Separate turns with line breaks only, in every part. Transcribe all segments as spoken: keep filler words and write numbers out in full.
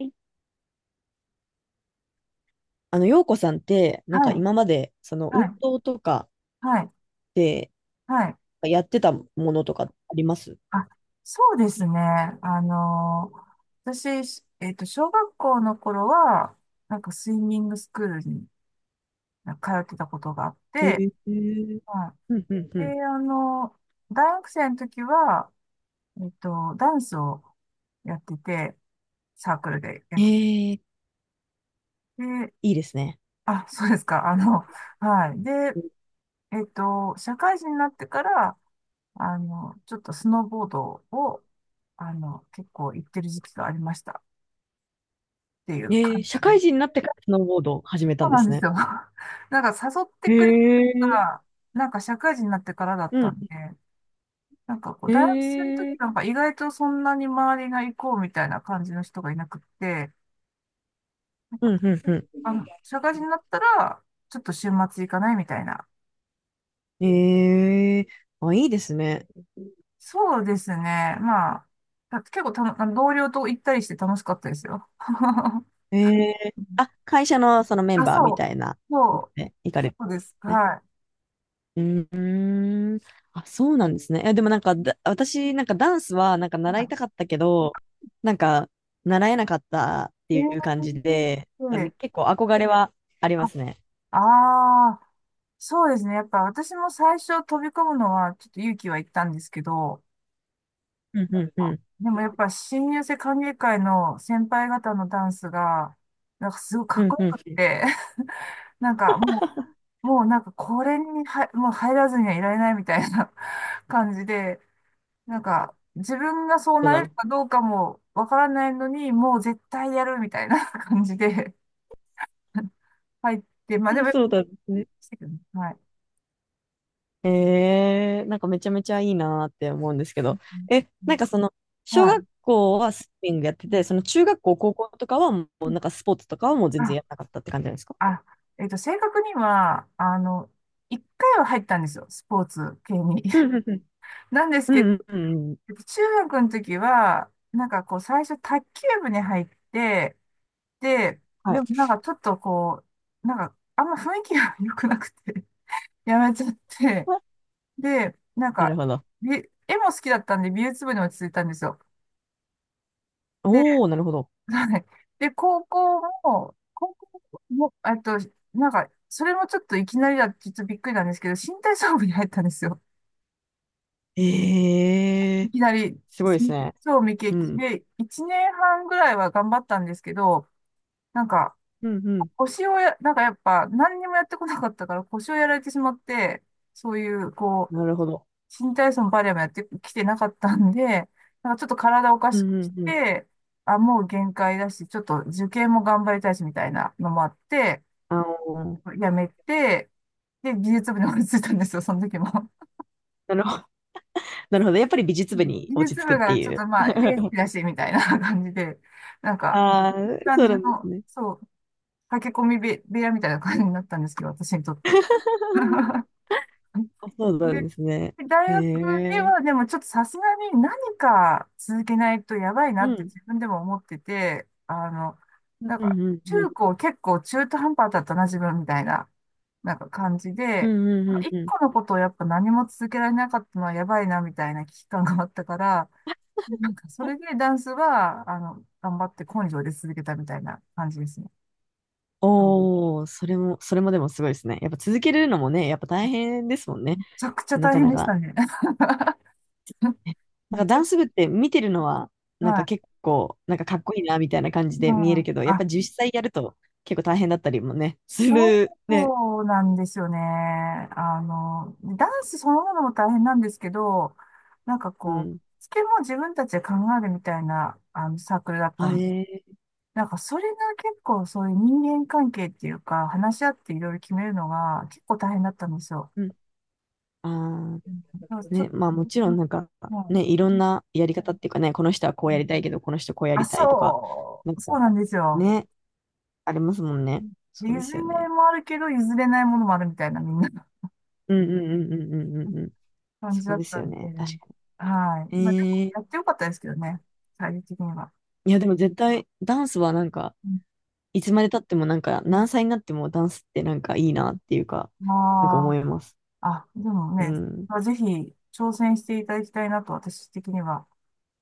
いあの、陽子さんって、なん
は
か
い、
今まで、その
は
運
い、
動とか
はい、
で
はい。
やってたものとかあります？
あ、そうですね。あのー私、しえっと、小学校の頃は、なんかスイミングスクールになんか通ってたことがあっ
へ
て、
え。
は
うんうんう
い。
ん。
で、あのー大学生の時は、えっと、ダンスをやってて、サークルでやっ
え
て
え、
て、
いいですね。
あ、そうですか。あの、はい。で、えっと、社会人になってから、あの、ちょっとスノーボードを、あの、結構行ってる時期がありましたっていう
ええ、
感
社
じ。そ
会人になってからスノーボードを始めたん
う
で
なん
す
です
ね。
よ。なんか誘って
へ
くれた人
え。
が、なんか社会人になってからだっ
う
た
ん。
んで、なんかこう、
え
大学生の時
え。
なんか意外とそんなに周りが行こうみたいな感じの人がいなくって、なんか、
うんうんうん。
あの、社会人になったら、ちょっと週末行かないみたいな。
ええ。あ、いいですね。
そうですね。まあ、だって結構たの、あの同僚と行ったりして楽しかったですよ。
ええ。あ、会社のそのメン
あ、
バー
そ
み
う、
たいな、
そう、
行かれるん
そうです。
ですね。
は
うーん。あ、そうなんですね。いや、でもなんかだ、私、なんかダンスは、なんか
い。
習い
は
たかったけど、なんか、習えなかったっ
い。
て
え
いう感じで、
ー、
あみ
で
結構憧れはあり
あ、
ますね。
あー、そうですね。やっぱ私も最初飛び込むのはちょっと勇気はいったんですけど、
うんうん
あ
うん。
でもやっぱ新入生歓迎会の先輩方のダンスが、なんかすごいか
う
っ
ん
こよ
うん。
くって、なんかも う、もうなんかこれには、もう入らずにはいられないみたいな 感じで、なんか自分がそう
そう
な
な
れる
の。
かどうかもわからないのに、もう絶対やるみたいな 感じで入って、まあで
あ、
も、
そうなんですね。
はい。
ええなんかめちゃめちゃいいなーって思うんですけ
う
ど。
ん
え、なんかその、小
はい。
学校はスイミングやって
う
て、
ん
その中学校、高校とかはも
う
うな
ん
んかスポーツとかはもう全然
あ、
やらなかったって感じなんですか？
あ、えっと、正確には、あの、一回は入ったんですよ、スポーツ系に。
う んうん
なんです
う
けど、
ん。うんうんうんうん。
えっと中学の時は、なんかこう、最初卓球部に入って、で、
は
で
い。
もなんかちょっとこう、なんか、あんま雰囲気が 良くなくて、やめちゃって、で、なん
なる
か、
ほど。
び絵も好きだったんで、美術部に落ち着いたんですよ。
おー、なるほど。
はい。で、高校も、高校も、えっと、なんか、それもちょっといきなりだって、ちょっとびっくりなんですけど、新体操部に入ったんですよ。
ええ
い
ー、
きなり、
すごいですね。
そう未経
う
験。
ん。
で、いちねんはんぐらいは頑張ったんですけど、なんか、
うんうん。
腰をや、なんかやっぱ、何にもやってこなかったから腰をやられてしまって、そういう、こう、
なるほど。
新体操もバレエもやってきてなかったんで、なんかちょっと体おか
う
しく
んう
し
んうん。
て、あ、もう限界だし、ちょっと受験も頑張りたいしみたいなのもあって、
あの、
辞めて、で、技術部に追いついたんですよ、その時も。
なるほど。なるほど。やっぱり美術
う
部
ん
に
技
落ち
術
着くっ
部
て
が
い
ちょっ
う。
とまあ、エース だし、みたいな 感じで、なんか、
ああ、
いい感
そう
じ
なんです
の、
ね。
そう、駆け込み部部屋みたいな感じになったんですけど、私にとって。
あそうな
ね
んですね。
で、大
え
学で
え、
はでもちょっとさすがに何か続けないとやばいな
う
って
ん。
自分でも思ってて、あの、
うん
なんか
うんう
中
ん。
高結構中途半端だったな自分みたいな、なんか感じ
う
で、
んうんう
一
んうん。
個のことをやっぱ何も続けられなかったのはやばいなみたいな危機感があったから、なんかそれでダンスは、あの、頑張って根性で続けたみたいな感じですね。め
おおー、それも、それもでもすごいですね。やっぱ続けるのもね、やっぱ大変ですもんね。
ちゃくちゃ
な
大
か
変
な
でした
か。
ね。
なん
め
か
ち
ダンス
ゃ、
部って見てるのは、なん
は
か
い。
結構、なんかかっこいいなみたいな感じ
う
で見える
ん、
けど、やっ
あ、
ぱ実際やると結構大変だったりもね、す
そ
るね。
うなんですよね。あの、ダンスそのものも大変なんですけど、なんか
う
こう、
ん。
つけも自分たちで考えるみたいな、あの、サークルだった
あ
ん。
えー、
なんかそれが結構そういう人間関係っていうか、話し合っていろいろ決めるのが結構大変だったんですよ。
うん。あ
うんだから
ー、
ちょっ
ね、まあもち
と、
ろんなんか
も
ね、いろんなやり方っていうかね、この人はこうやりた
う、
いけど、この人こうや
あ、
りたいとか、
そ
なん
う、
か
そうなんですよ。
ね、ありますもんね。
譲
そう
れ
ですよ
ない
ね。
もあるけど、譲れないものもあるみたいな、みんな。
うんうんうんうんうんうんうん。
感じ
そ
だ
う
っ
です
た
よ
んで、
ね。確か
は
に。
い。まあ、でも
えー、
やってよかったですけどね、最終的には。
いやでも絶対ダンスはなんか、
うん
いつまで経ってもなんか何歳になってもダンスってなんかいいなっていうか、なんか思
ま
います。
あ、あ、でも
う
ね、
ん。
まあ、ぜひ挑戦していただきたいなと私的には、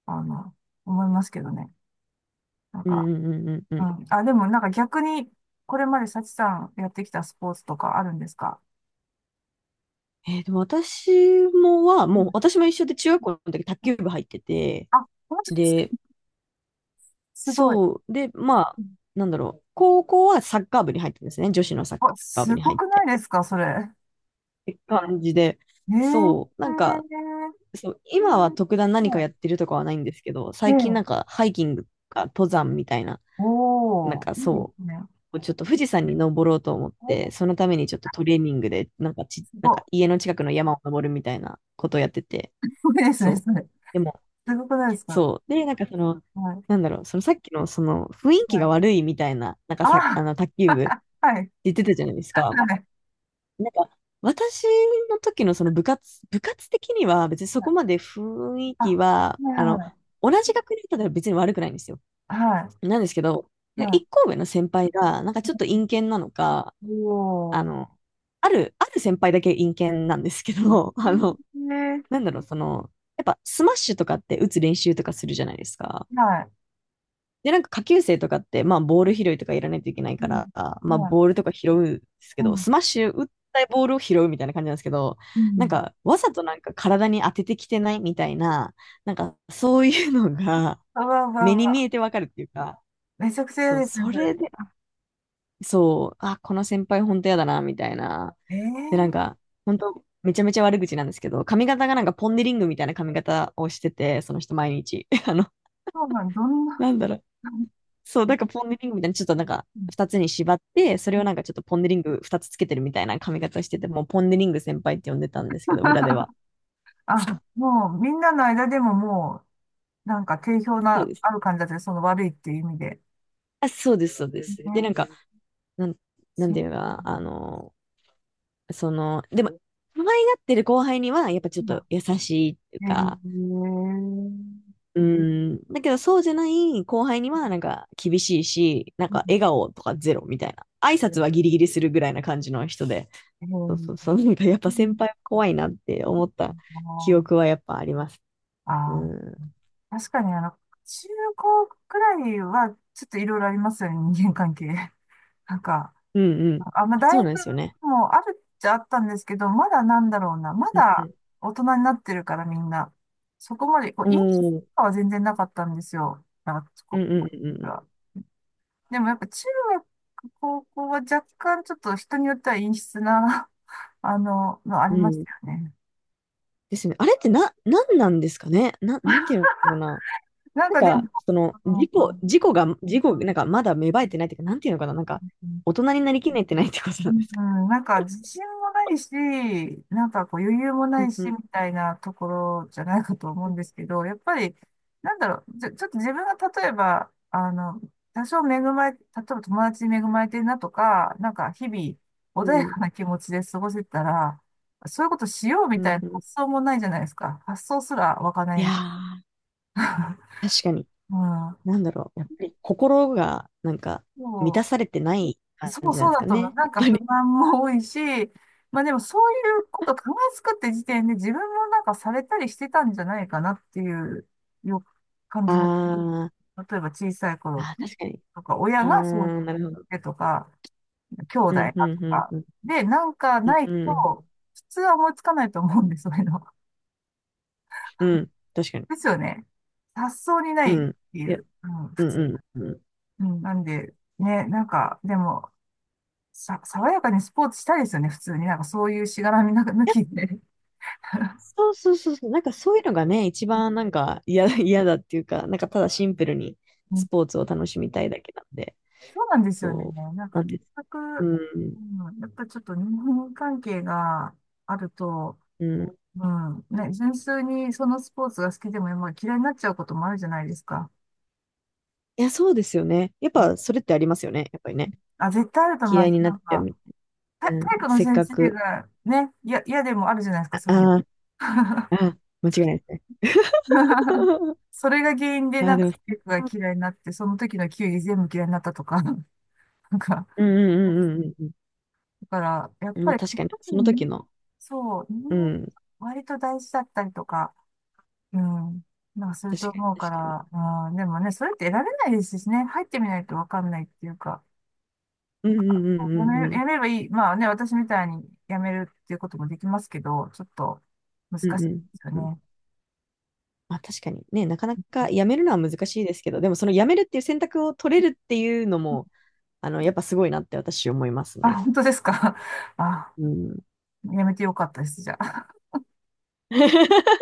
あの、思いますけどね。なん
うん
か、
うんうんうんう
う
ん。
ん。あ、でもなんか逆に、これまで幸さんやってきたスポーツとかあるんですか？
えーでも私もは、
う
もう
ん
私も一緒で中学校の時卓球部入ってて、
あ、本当ですか？
で、
すごい。
そう、で、まあ、
うん
なんだろう、高校はサッカー部に入ってですね、女子のサッ
あ、
カー部
す
に
ご
入っ
くな
て、っ
いですか？それ。え
て感じで、そ
ええ
う、なんか、そう、今は特段何かやってるとかはないんですけど、
え
最近なん
ええ
かハイキングとか登山みたいな、なん
おー、
か
いいで
そ
すね。
う、ちょっと富士山に登ろうと思って、そのためにちょっとトレーニングで、なんかち、
す
なんか
ご
家の近くの山を登るみたいなことをやってて、
い、すごいですね、
そう。
それ。
でも、
すごくないですか？
そう。で、なんかその、
はい。
なんだろう、そのさっきのその雰囲気
は
が
い。
悪いみたいな、なんか
あ
さ、あ
あ
の、卓球 部
はい。
言ってたじゃないですか。
はい。
なんか、私の時のその部活、部活的には別にそこまで雰囲
あ、
気
は
は、
い
あの、
はい。
同じ学年だったら別に悪くないんですよ。
は
なんですけど、
い。
いや
は
一校上の先輩が、なんかちょっと陰険なのか、
い。
あ
おー。
の、ある、ある先輩だけ陰キャなんですけど、あの、
ね。
なんだろう、その、やっぱスマッシュとかって打つ練習とかするじゃないですか。
は
で、なんか下級生とかって、まあボール拾いとかやらないといけない
い。う
から、
ん。
まあ
はい。
ボールとか拾うんですけ
う
ど、
ん。
スマッシュ打ったボールを拾うみたいな感じなんですけど、
う
なん
ん。
かわざとなんか体に当ててきてないみたいな、なんかそういうのが
あわあわ
目
あわ
に見
あ。
えてわかるっていうか、
めちゃくちゃ
そう、
嫌ですね、
そ
それ。
れでそう、あ、この先輩本当やだな、みたいな。
ええ
で、なん
ー、
か、本当めちゃめちゃ悪口なんですけど、髪型がなんかポンデリングみたいな髪型をしてて、その人毎日。あの、
そうなん、どんな、
なんだろう。そう、なんかポンデリングみたいな、ちょっとなんか、
うん
二つに縛って、それをなんかちょっとポンデリング二つつけてるみたいな髪型をしてて、もうポンデリング先輩って呼んでたんですけど、裏では。
あ、
そう、
もうみんなの間でももう、なんか定評
そう
な、
です。
ある感じだったね、その悪いっていう意味で。
あ、そうです、そうです。で、な
ね、
んか、なん、なん
そ
て
う。
いうか、あの、その、でも、可愛がってる後輩には、やっぱちょっと優しいっていう
へえ、
か、うん。だけど、そうじゃない後輩には、なんか、厳しいし、なんか、笑顔とかゼロみたいな。挨拶はギリギリするぐらいな感じの人で。
へ
そうそう
え、
そう。なんか、やっぱ先輩は怖いなって思った記憶
あ
はやっぱあります。う
あ
ん。
ー、確かにあの、中高くらいはちょっといろいろありますよね、人間関係。なんか、
うんうん。
あ、まあ、大
そう
学
なんですよね。
もあるっちゃあったんですけど、まだなんだろうな、ま
うんう
だ
ん。
大人になってるからみんな、そこまで、こう、
お
陰気と
ー、
かは全然なかったんですよ。なんか
う
こ
んうんう
う
ん
でもやっぱ中学、高校は若干ちょっと人によっては陰湿なあの、のあ
う
り
ん。う
まし
ん。
たよね。
ですね。あれってな、なんなんですかね。な、なんていうのかな。
なん
なん
かで
か、
も、
その、
あ
事故、
の
事故が、事故、なんか、まだ芽生えてないっていうか、なんていうのかな。なんか、
うん、
大人になりきれてないってことなんですか。
なんか自信もないし、なんかこう余裕も
う
な
ん
い
う
し、
ん
みたいなところじゃないかと思う
う
ん
ん、
ですけど、やっぱり、なんだろう、ちょ、ちょっと自分が例えば、あの、多少恵まれ、例えば友達に恵まれてるなとか、なんか日々穏やかな気持ちで過ごせたら、そういうことしよう
う
みた
ん、
いな
うん。
発想もないじゃないですか。発想すら湧かな
いや
い。
ー、確かに。
うん。
なんだろう。やっぱり心がなんか
そ
満た
う
されてない感
そう
じなん
そう
です
だ
か
と思う。
ね。
な
や
ん
っ
か
ぱ
不
り。
満も多いし、まあでもそういうこと考えつくって時点で自分もなんかされたりしてたんじゃないかなっていうよ感じ
あ
も。例えば小さい
ー、
頃
あー、確かに。
とか、親
あ
がそう
ー、なるほど。
言ってとか、兄弟
う
が
ん、
と
うん、うん、
か。
うん、
で、なんか
うん、
ない
うん、
と、普通は思いつかないと思うんです、そういうの。
うん、確かに。
ですよね。発想にな
う
いっ
ん。
てい
いや、
う、うん、
う
普
ん、
通。
うん、うん。い
うん、なんで、ね、なんか、でも、さ、爽やかにスポーツしたいですよね、普通に。なんかそういうしがらみなんか 抜
や、
きで。
そうそうそうそう。なんかそういうのがね、一番なんか嫌だ、嫌だっていうか、なんかただシンプルに
うん
スポーツを楽しみたいだけなんで。
そうなんですよね。
そう。
なん
な
か、
ん
結
です。
局、
うん、
うん、やっぱちょっと日本関係があると、
うん。
うん、ね、純粋にそのスポーツが好きでも、まあ、嫌いになっちゃうこともあるじゃないですか。
いや、そうですよね。やっ
うん
ぱ、それってありますよね。やっぱりね。
あ、絶対あると思い
嫌
ま
いに
す。
なっ
な
ち
ん
ゃう
か、
み。
体
うん、
体育の
せっ
先
か
生
く。
がね、いや、嫌でもあるじゃないです
あ
か、そういうの。
あー、あー、間違いないですね。
それが原因で、
あ
な
あ、
ん
で
か、
も、
体育が嫌いになって、その時の球技全部嫌いになったとか、なんか、
うんうんうんうんうん
だから、やっ
うん。まあ、
ぱりか
確かに、
か
そ
る
の
ね。
時の。
そう、人
う
間
ん。
割と大事だったりとか、うん、なんかする
確
と
か
思う
に、
か
確かに。
ら、うん、でもね、それって得られないですしね、入ってみないとわかんないっていうか、
う
な
ん
ん
う
か
んう
や
んうんう
め、
ん。
やめればいい。まあね、私みたいにやめるっていうこともできますけど、ちょっと難
うん
しい
う
ですよ
んうん。
ね。
まあ、確かにね、なかなかやめるのは難しいですけど、でも、そのやめるっていう選択を取れるっていうのも、あの、やっぱすごいなって私思います
あ、
ね。
本当ですか。あ、
うん。
やめてよかったです、じゃあ。